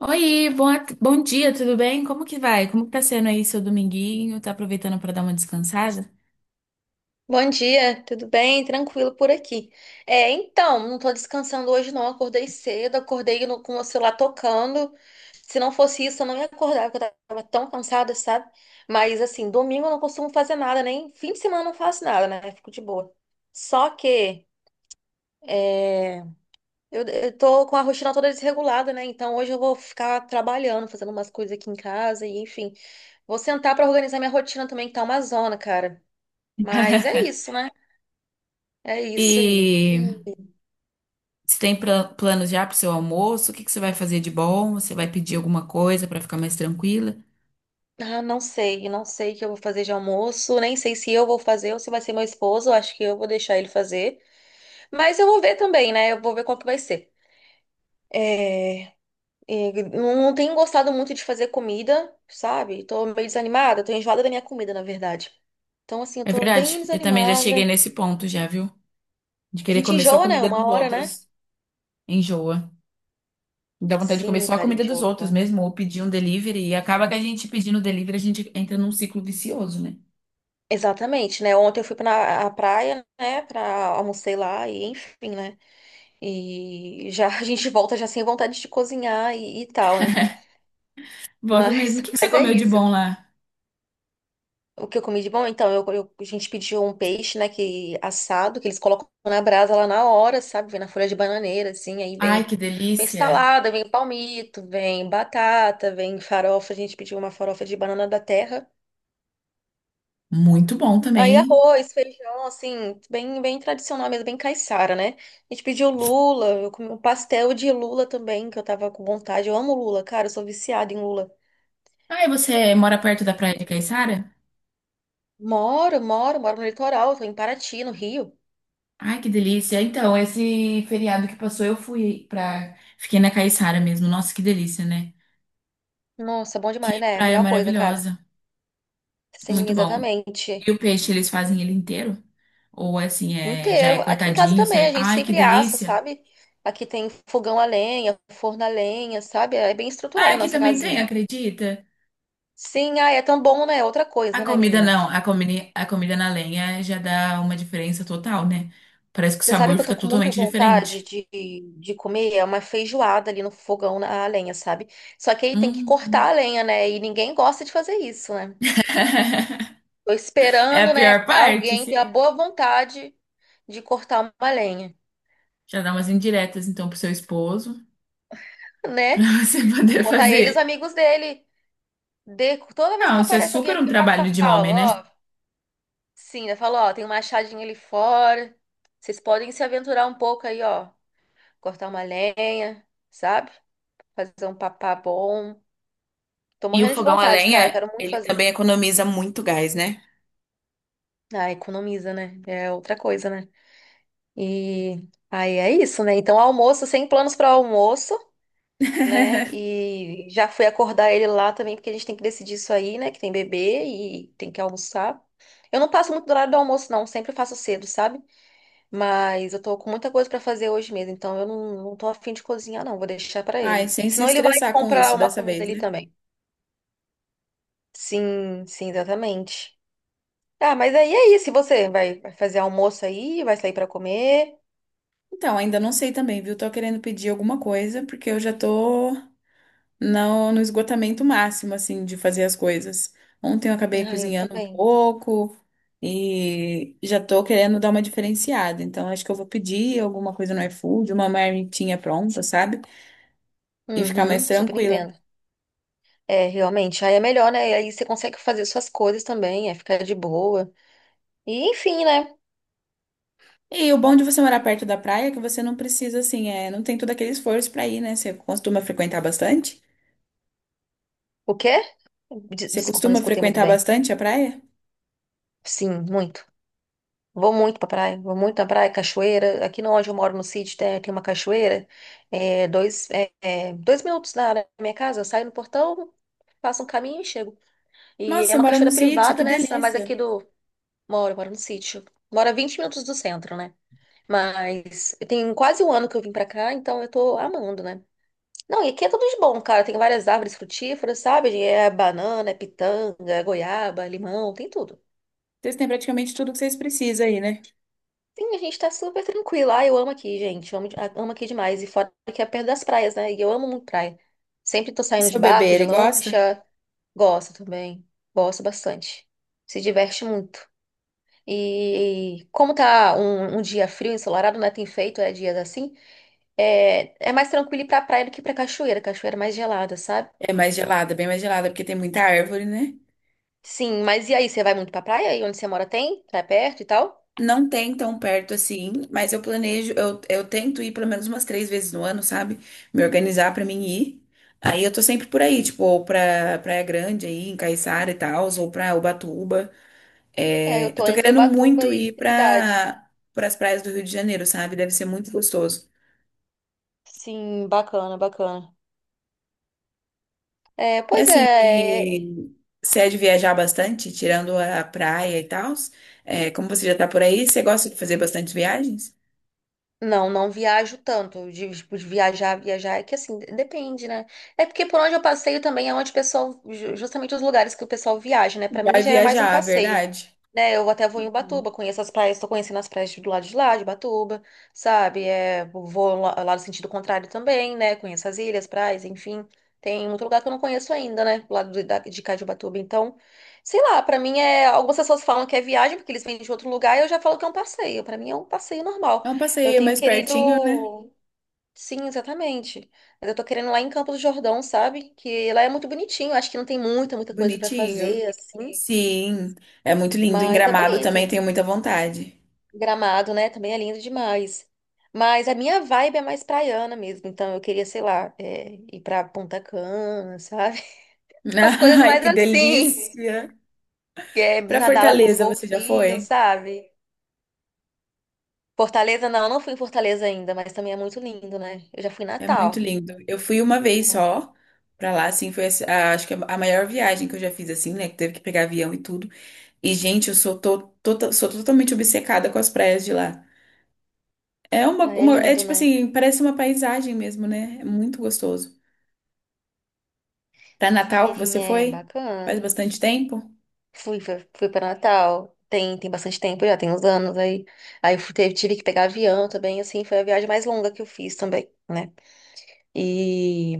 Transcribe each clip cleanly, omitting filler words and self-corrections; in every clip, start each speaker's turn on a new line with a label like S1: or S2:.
S1: Oi, bom, bom dia, tudo bem? Como que vai? Como que tá sendo aí seu dominguinho? Tá aproveitando pra dar uma descansada?
S2: Bom dia, tudo bem? Tranquilo por aqui. É, então, não tô descansando hoje não, acordei cedo, acordei com o celular tocando. Se não fosse isso, eu não ia acordar, porque eu tava tão cansada, sabe? Mas assim, domingo eu não costumo fazer nada, nem fim de semana eu não faço nada, né? Fico de boa. Só que é, eu tô com a rotina toda desregulada, né? Então hoje eu vou ficar trabalhando, fazendo umas coisas aqui em casa e enfim. Vou sentar pra organizar minha rotina também, que tá uma zona, cara. Mas é isso, né? É isso aí.
S1: E você tem planos já pro seu almoço? O que que você vai fazer de bom? Você vai pedir alguma coisa pra ficar mais tranquila?
S2: Ah, não sei, não sei o que eu vou fazer de almoço, nem sei se eu vou fazer ou se vai ser meu esposo, acho que eu vou deixar ele fazer. Mas eu vou ver também, né? Eu vou ver qual que vai ser. É, e não não tenho gostado muito de fazer comida, sabe? Tô meio desanimada, tô enjoada da minha comida, na verdade. Então, assim, eu
S1: É
S2: tô
S1: verdade,
S2: bem
S1: eu também já cheguei
S2: desanimada.
S1: nesse ponto já, viu? De
S2: A
S1: querer
S2: gente
S1: comer só a
S2: enjoa, né?
S1: comida
S2: Uma
S1: dos
S2: hora, né?
S1: outros. Enjoa. Dá vontade de comer
S2: Sim,
S1: só a
S2: cara,
S1: comida dos
S2: enjoa.
S1: outros mesmo, ou pedir um delivery. E acaba que a gente pedindo delivery, a gente entra num ciclo vicioso, né?
S2: Exatamente, né? Ontem eu fui pra a praia, né? Pra almocei lá e enfim, né? E já a gente volta já sem vontade de cozinhar e tal, né?
S1: Volta mesmo. O
S2: Mas,
S1: que que você
S2: mas é
S1: comeu de
S2: isso.
S1: bom lá?
S2: O que eu comi de bom, então, a gente pediu um peixe, né, que assado, que eles colocam na brasa lá na hora, sabe? Vem na folha de bananeira, assim, aí
S1: Ai,
S2: vem,
S1: que
S2: vem
S1: delícia!
S2: salada, vem palmito, vem batata, vem farofa. A gente pediu uma farofa de banana da terra.
S1: Muito bom
S2: Aí
S1: também.
S2: arroz, feijão, assim, bem, bem tradicional mesmo, bem caiçara, né? A gente pediu lula, eu comi um pastel de lula também, que eu tava com vontade. Eu amo lula, cara, eu sou viciada em lula.
S1: Ah, e você mora perto da praia de Caiçara?
S2: Moro, moro, moro no litoral, tô em Paraty, no Rio.
S1: Ai, que delícia. Então, esse feriado que passou, eu fui pra. Fiquei na Caiçara mesmo. Nossa, que delícia, né?
S2: Nossa, bom demais,
S1: Que
S2: né?
S1: praia
S2: Melhor coisa, cara.
S1: maravilhosa.
S2: Sim,
S1: Muito bom. E
S2: exatamente.
S1: o peixe, eles fazem ele inteiro? Ou assim, é... já é
S2: Inteiro. Aqui em casa
S1: cortadinho,
S2: também, a
S1: certo?
S2: gente
S1: Ai, que
S2: sempre assa,
S1: delícia.
S2: sabe? Aqui tem fogão a lenha, forno a lenha, sabe? É bem
S1: Ah,
S2: estruturada a
S1: aqui
S2: nossa
S1: também tem,
S2: casinha.
S1: acredita?
S2: Sim, ah, é tão bom, né? Outra
S1: A
S2: coisa, né,
S1: comida
S2: menina?
S1: não, a comida na lenha já dá uma diferença total, né? Parece que o
S2: Você sabe
S1: sabor
S2: que eu
S1: fica
S2: tô com muita
S1: totalmente
S2: vontade
S1: diferente.
S2: de comer é uma feijoada ali no fogão na lenha, sabe? Só que aí tem que cortar
S1: Hum.
S2: a lenha, né? E ninguém gosta de fazer isso, né? Tô
S1: É a
S2: esperando, né,
S1: pior parte,
S2: alguém ter a
S1: sim.
S2: boa vontade de cortar uma lenha,
S1: Já dá umas indiretas, então, pro seu esposo, pra
S2: né?
S1: você
S2: Vou
S1: poder
S2: botar ele e os
S1: fazer.
S2: amigos dele. De, toda vez
S1: Não,
S2: que
S1: isso é
S2: aparece alguém
S1: super um
S2: aqui, eu já
S1: trabalho de
S2: falo,
S1: homem, né?
S2: ó. Sim, eu falo, ó, tem uma achadinha ali fora. Vocês podem se aventurar um pouco aí, ó. Cortar uma lenha, sabe? Fazer um papá bom. Tô
S1: E o
S2: morrendo de
S1: fogão a
S2: vontade, cara.
S1: lenha,
S2: Quero muito
S1: ele
S2: fazer.
S1: também economiza muito gás, né?
S2: Ah, economiza, né? É outra coisa, né? E aí é isso, né? Então, almoço, sem planos para almoço, né? E já fui acordar ele lá também, porque a gente tem que decidir isso aí, né? Que tem bebê e tem que almoçar. Eu não passo muito do horário do almoço, não. Sempre faço cedo, sabe? Mas eu tô com muita coisa para fazer hoje mesmo, então eu não, não tô afim de cozinhar, não. Vou deixar para
S1: Ai,
S2: ele.
S1: sem se
S2: Senão ele vai
S1: estressar com
S2: comprar
S1: isso
S2: uma
S1: dessa
S2: comida
S1: vez,
S2: ali
S1: né?
S2: também. Sim, sim, exatamente. Tá, mas aí é isso. E você vai, vai fazer almoço aí, vai sair pra comer.
S1: Então, ainda não sei também, viu? Tô querendo pedir alguma coisa, porque eu já tô no esgotamento máximo, assim, de fazer as coisas. Ontem eu acabei
S2: Ah, eu
S1: cozinhando um
S2: também.
S1: pouco e já tô querendo dar uma diferenciada. Então, acho que eu vou pedir alguma coisa no iFood, uma marmitinha pronta, sabe? E ficar mais
S2: Uhum, super
S1: tranquila.
S2: entendo. É, realmente, aí é melhor, né? Aí você consegue fazer suas coisas também, é ficar de boa. E enfim, né?
S1: E o bom de você morar perto da praia é que você não precisa, assim, é, não tem todo aquele esforço pra ir, né? Você costuma frequentar bastante?
S2: O quê?
S1: Você
S2: Desculpa, não
S1: costuma
S2: escutei muito
S1: frequentar
S2: bem.
S1: bastante a praia?
S2: Sim, muito. Vou muito pra praia, vou muito na praia, cachoeira. Aqui no onde eu moro, no sítio, tem uma cachoeira. Dois minutos da minha casa, eu saio no portão, faço um caminho e chego. E
S1: Nossa,
S2: é
S1: você
S2: uma
S1: mora num
S2: cachoeira
S1: sítio,
S2: privada,
S1: que
S2: né? Mas
S1: delícia!
S2: aqui do, moro, moro no sítio. Moro a 20 minutos do centro, né? Mas tem quase um ano que eu vim pra cá, então eu tô amando, né? Não, e aqui é tudo de bom, cara. Tem várias árvores frutíferas, sabe? É banana, é pitanga, é goiaba, limão, tem tudo.
S1: Vocês têm praticamente tudo que vocês precisam aí, né?
S2: Sim, a gente tá super tranquilo. Ah, eu amo aqui, gente. Eu amo, de- ah, amo aqui demais. E fora que é perto das praias, né? E eu amo muito praia. Sempre tô
S1: E
S2: saindo de
S1: seu bebê,
S2: barco, de
S1: ele gosta?
S2: lancha. Gosto também. Gosto bastante. Se diverte muito. E como tá um, um dia frio, ensolarado, né? Tem feito, é dias assim. É, é mais tranquilo ir pra praia do que pra cachoeira. Cachoeira é mais gelada, sabe?
S1: É mais gelada, bem mais gelada, porque tem muita árvore, né?
S2: Sim, mas e aí? Você vai muito pra praia? E onde você mora tem? É perto e tal?
S1: Não tem tão perto assim, mas eu planejo, eu tento ir pelo menos umas 3 vezes no ano, sabe? Me organizar pra mim ir. Aí eu tô sempre por aí, tipo, ou pra Praia Grande aí, em Caiçara e tal, ou pra Ubatuba.
S2: É,
S1: É,
S2: eu
S1: eu
S2: tô
S1: tô
S2: entre
S1: querendo
S2: Ubatuba
S1: muito
S2: e
S1: ir
S2: Trindade.
S1: pra, pras praias do Rio de Janeiro, sabe? Deve ser muito gostoso.
S2: Sim, bacana, bacana. É,
S1: E
S2: pois
S1: assim,
S2: é, é,
S1: e se é de viajar bastante, tirando a praia e tal, como você já tá por aí, você gosta de fazer bastante viagens?
S2: não, não viajo tanto. De, tipo, de viajar, viajar é que assim, depende, né? É porque por onde eu passeio também é onde o pessoal, justamente os lugares que o pessoal viaja, né? Pra mim
S1: Vai
S2: já é mais um
S1: viajar,
S2: passeio,
S1: verdade?
S2: né? Eu até vou em
S1: Uhum.
S2: Ubatuba, conheço as praias, tô conhecendo as praias do lado de lá, de Ubatuba, sabe? É, vou lá, lá no sentido contrário também, né? Conheço as ilhas, praias, enfim. Tem muito lugar que eu não conheço ainda, né? Do lado de, de cá de Ubatuba. Então, sei lá, pra mim é. Algumas pessoas falam que é viagem, porque eles vêm de outro lugar, e eu já falo que é um passeio. Pra mim é um passeio normal.
S1: É um
S2: Eu
S1: passeio
S2: tenho
S1: mais pertinho, né?
S2: querido. Sim, exatamente. Mas eu tô querendo lá em Campos do Jordão, sabe? Que lá é muito bonitinho. Acho que não tem muita, muita coisa pra
S1: Bonitinho.
S2: fazer, assim.
S1: Sim, é muito lindo. Em
S2: Mas é
S1: Gramado
S2: bonito.
S1: também tenho muita vontade.
S2: Gramado, né? Também é lindo demais. Mas a minha vibe é mais praiana mesmo. Então eu queria, sei lá, é, ir pra Punta Cana, sabe? Umas coisas
S1: Ai,
S2: mais
S1: que
S2: assim.
S1: delícia!
S2: Que é
S1: Para
S2: nadar lá com os
S1: Fortaleza, você já
S2: golfinhos,
S1: foi?
S2: sabe? Fortaleza, não, eu não fui em Fortaleza ainda, mas também é muito lindo, né? Eu já fui em
S1: É muito
S2: Natal.
S1: lindo. Eu fui uma vez só pra lá, assim, foi assim, acho que é a maior viagem que eu já fiz, assim, né? Que teve que pegar avião e tudo. E, gente, eu sou, sou totalmente obcecada com as praias de lá. É
S2: Ah, é
S1: é
S2: lindo,
S1: tipo
S2: né?
S1: assim, parece uma paisagem mesmo, né? É muito gostoso. Para Natal que
S2: Sim,
S1: você
S2: é
S1: foi? Faz
S2: bacana.
S1: bastante tempo.
S2: Fui, fui, fui para Natal. Tem, tem bastante tempo já, tem uns anos aí. Aí eu fui- teve- tive que pegar avião também, assim, foi a viagem mais longa que eu fiz também, né? E.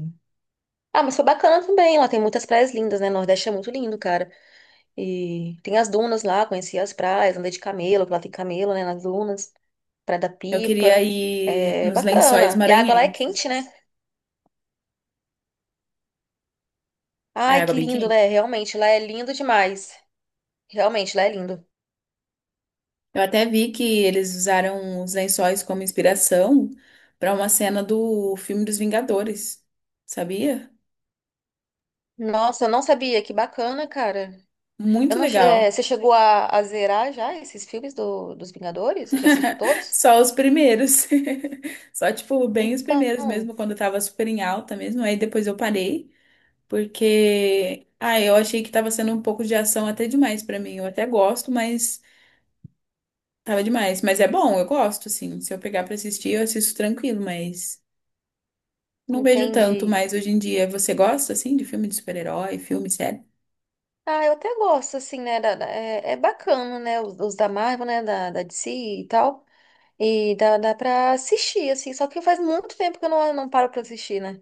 S2: Ah, mas foi bacana também. Lá tem muitas praias lindas, né? Nordeste é muito lindo, cara. E tem as dunas lá, conheci as praias, andei de camelo, que lá tem camelo, né? Nas dunas, Praia da
S1: Eu queria
S2: Pipa.
S1: ir
S2: É
S1: nos Lençóis
S2: bacana. E a água lá é
S1: Maranhenses.
S2: quente, né?
S1: É
S2: Ai,
S1: água
S2: que
S1: bem
S2: lindo,
S1: quente.
S2: né? Realmente, lá é lindo demais. Realmente, lá é lindo.
S1: Eu até vi que eles usaram os lençóis como inspiração para uma cena do filme dos Vingadores. Sabia?
S2: Nossa, eu não sabia. Que bacana, cara. Eu
S1: Muito
S2: não,
S1: legal.
S2: você chegou a zerar já esses filmes do, dos Vingadores? Já assistiu todos?
S1: Só os primeiros. Só, tipo, bem os
S2: Então,
S1: primeiros mesmo, quando eu tava super em alta mesmo. Aí depois eu parei, porque. Ah, eu achei que tava sendo um pouco de ação até demais pra mim. Eu até gosto, mas. Tava demais, mas é bom, eu gosto, assim. Se eu pegar pra assistir, eu assisto tranquilo, mas não vejo tanto
S2: entendi.
S1: mais hoje em dia. Você gosta, assim, de filme de super-herói, filme sério?
S2: Ah, eu até gosto, assim, né? É bacana, né? Os da Marvel, né? Da DC e tal. E dá pra assistir, assim. Só que faz muito tempo que eu não paro pra assistir, né?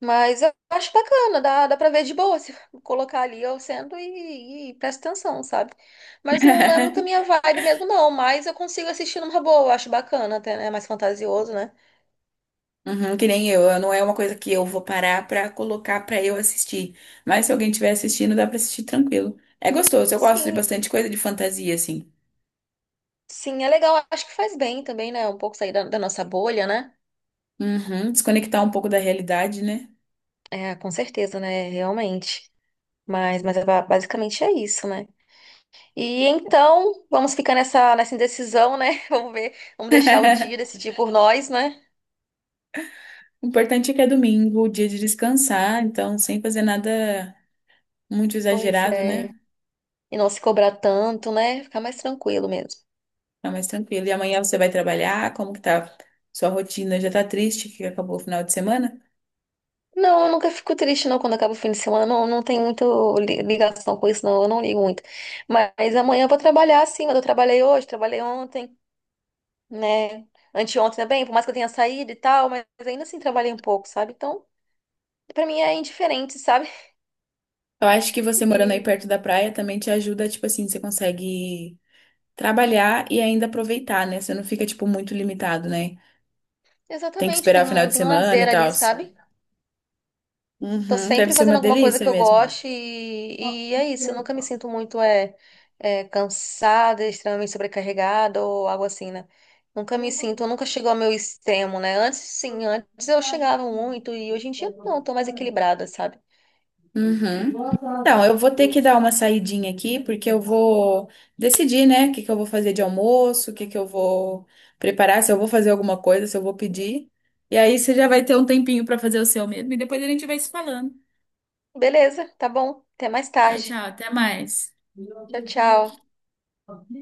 S2: Mas eu acho bacana, dá pra ver de boa se colocar ali eu sendo e presta atenção, sabe? Mas não é muito a minha vibe mesmo, não. Mas eu consigo assistir numa boa, eu acho bacana, até, né? É mais fantasioso, né?
S1: Uhum, que nem eu, não é uma coisa que eu vou parar pra colocar pra eu assistir. Mas se alguém estiver assistindo, dá pra assistir tranquilo. É gostoso, eu gosto de
S2: Sim,
S1: bastante coisa de fantasia, assim.
S2: sim, é legal. Acho que faz bem também, né? Um pouco sair da, da nossa bolha, né?
S1: Uhum, desconectar um pouco da realidade, né?
S2: É, com certeza, né? Realmente. Mas é basicamente é isso, né? E então, vamos ficar nessa, indecisão, né? Vamos ver, vamos deixar o dia decidir por nós, né?
S1: O importante é que é domingo, o dia de descansar, então sem fazer nada muito
S2: Pois
S1: exagerado,
S2: é.
S1: né?
S2: E não se cobrar tanto, né? Ficar mais tranquilo mesmo.
S1: Tá mais tranquilo. E amanhã você vai trabalhar? Como que tá? Sua rotina já tá triste que acabou o final de semana?
S2: Não, eu nunca fico triste não quando acaba o fim de semana. Não, não tem muita ligação com isso, não. Eu não ligo muito. Mas amanhã eu vou trabalhar sim, mas eu trabalhei hoje, trabalhei ontem, né? Anteontem também, por mais que eu tenha saído e tal, mas ainda assim trabalhei um pouco, sabe? Então, pra mim é indiferente, sabe?
S1: Eu acho que você morando aí perto da praia também te ajuda, tipo assim, você consegue trabalhar e ainda aproveitar, né? Você não fica, tipo, muito limitado, né?
S2: E
S1: Tem que
S2: exatamente,
S1: esperar
S2: tem
S1: o final
S2: um,
S1: de
S2: tem um
S1: semana e
S2: lazer
S1: tal.
S2: ali, sabe? Tô
S1: Uhum, deve
S2: sempre
S1: ser
S2: fazendo
S1: uma
S2: alguma coisa que
S1: delícia
S2: eu
S1: mesmo.
S2: goste e é isso. Eu nunca me sinto muito cansada, extremamente sobrecarregada ou algo assim, né? Nunca me sinto, nunca chegou ao meu extremo, né? Antes, sim, antes eu chegava muito e hoje em dia não, eu tô mais equilibrada, sabe?
S1: Uhum. Então, eu vou ter que
S2: E
S1: dar uma saidinha aqui, porque eu vou decidir, né, o que que eu vou fazer de almoço, o que que eu vou preparar, se eu vou fazer alguma coisa, se eu vou pedir. E aí você já vai ter um tempinho para fazer o seu mesmo, e depois a gente vai se falando.
S2: beleza, tá bom. Até mais
S1: Tchau,
S2: tarde.
S1: tchau, até mais.
S2: Tchau, tchau.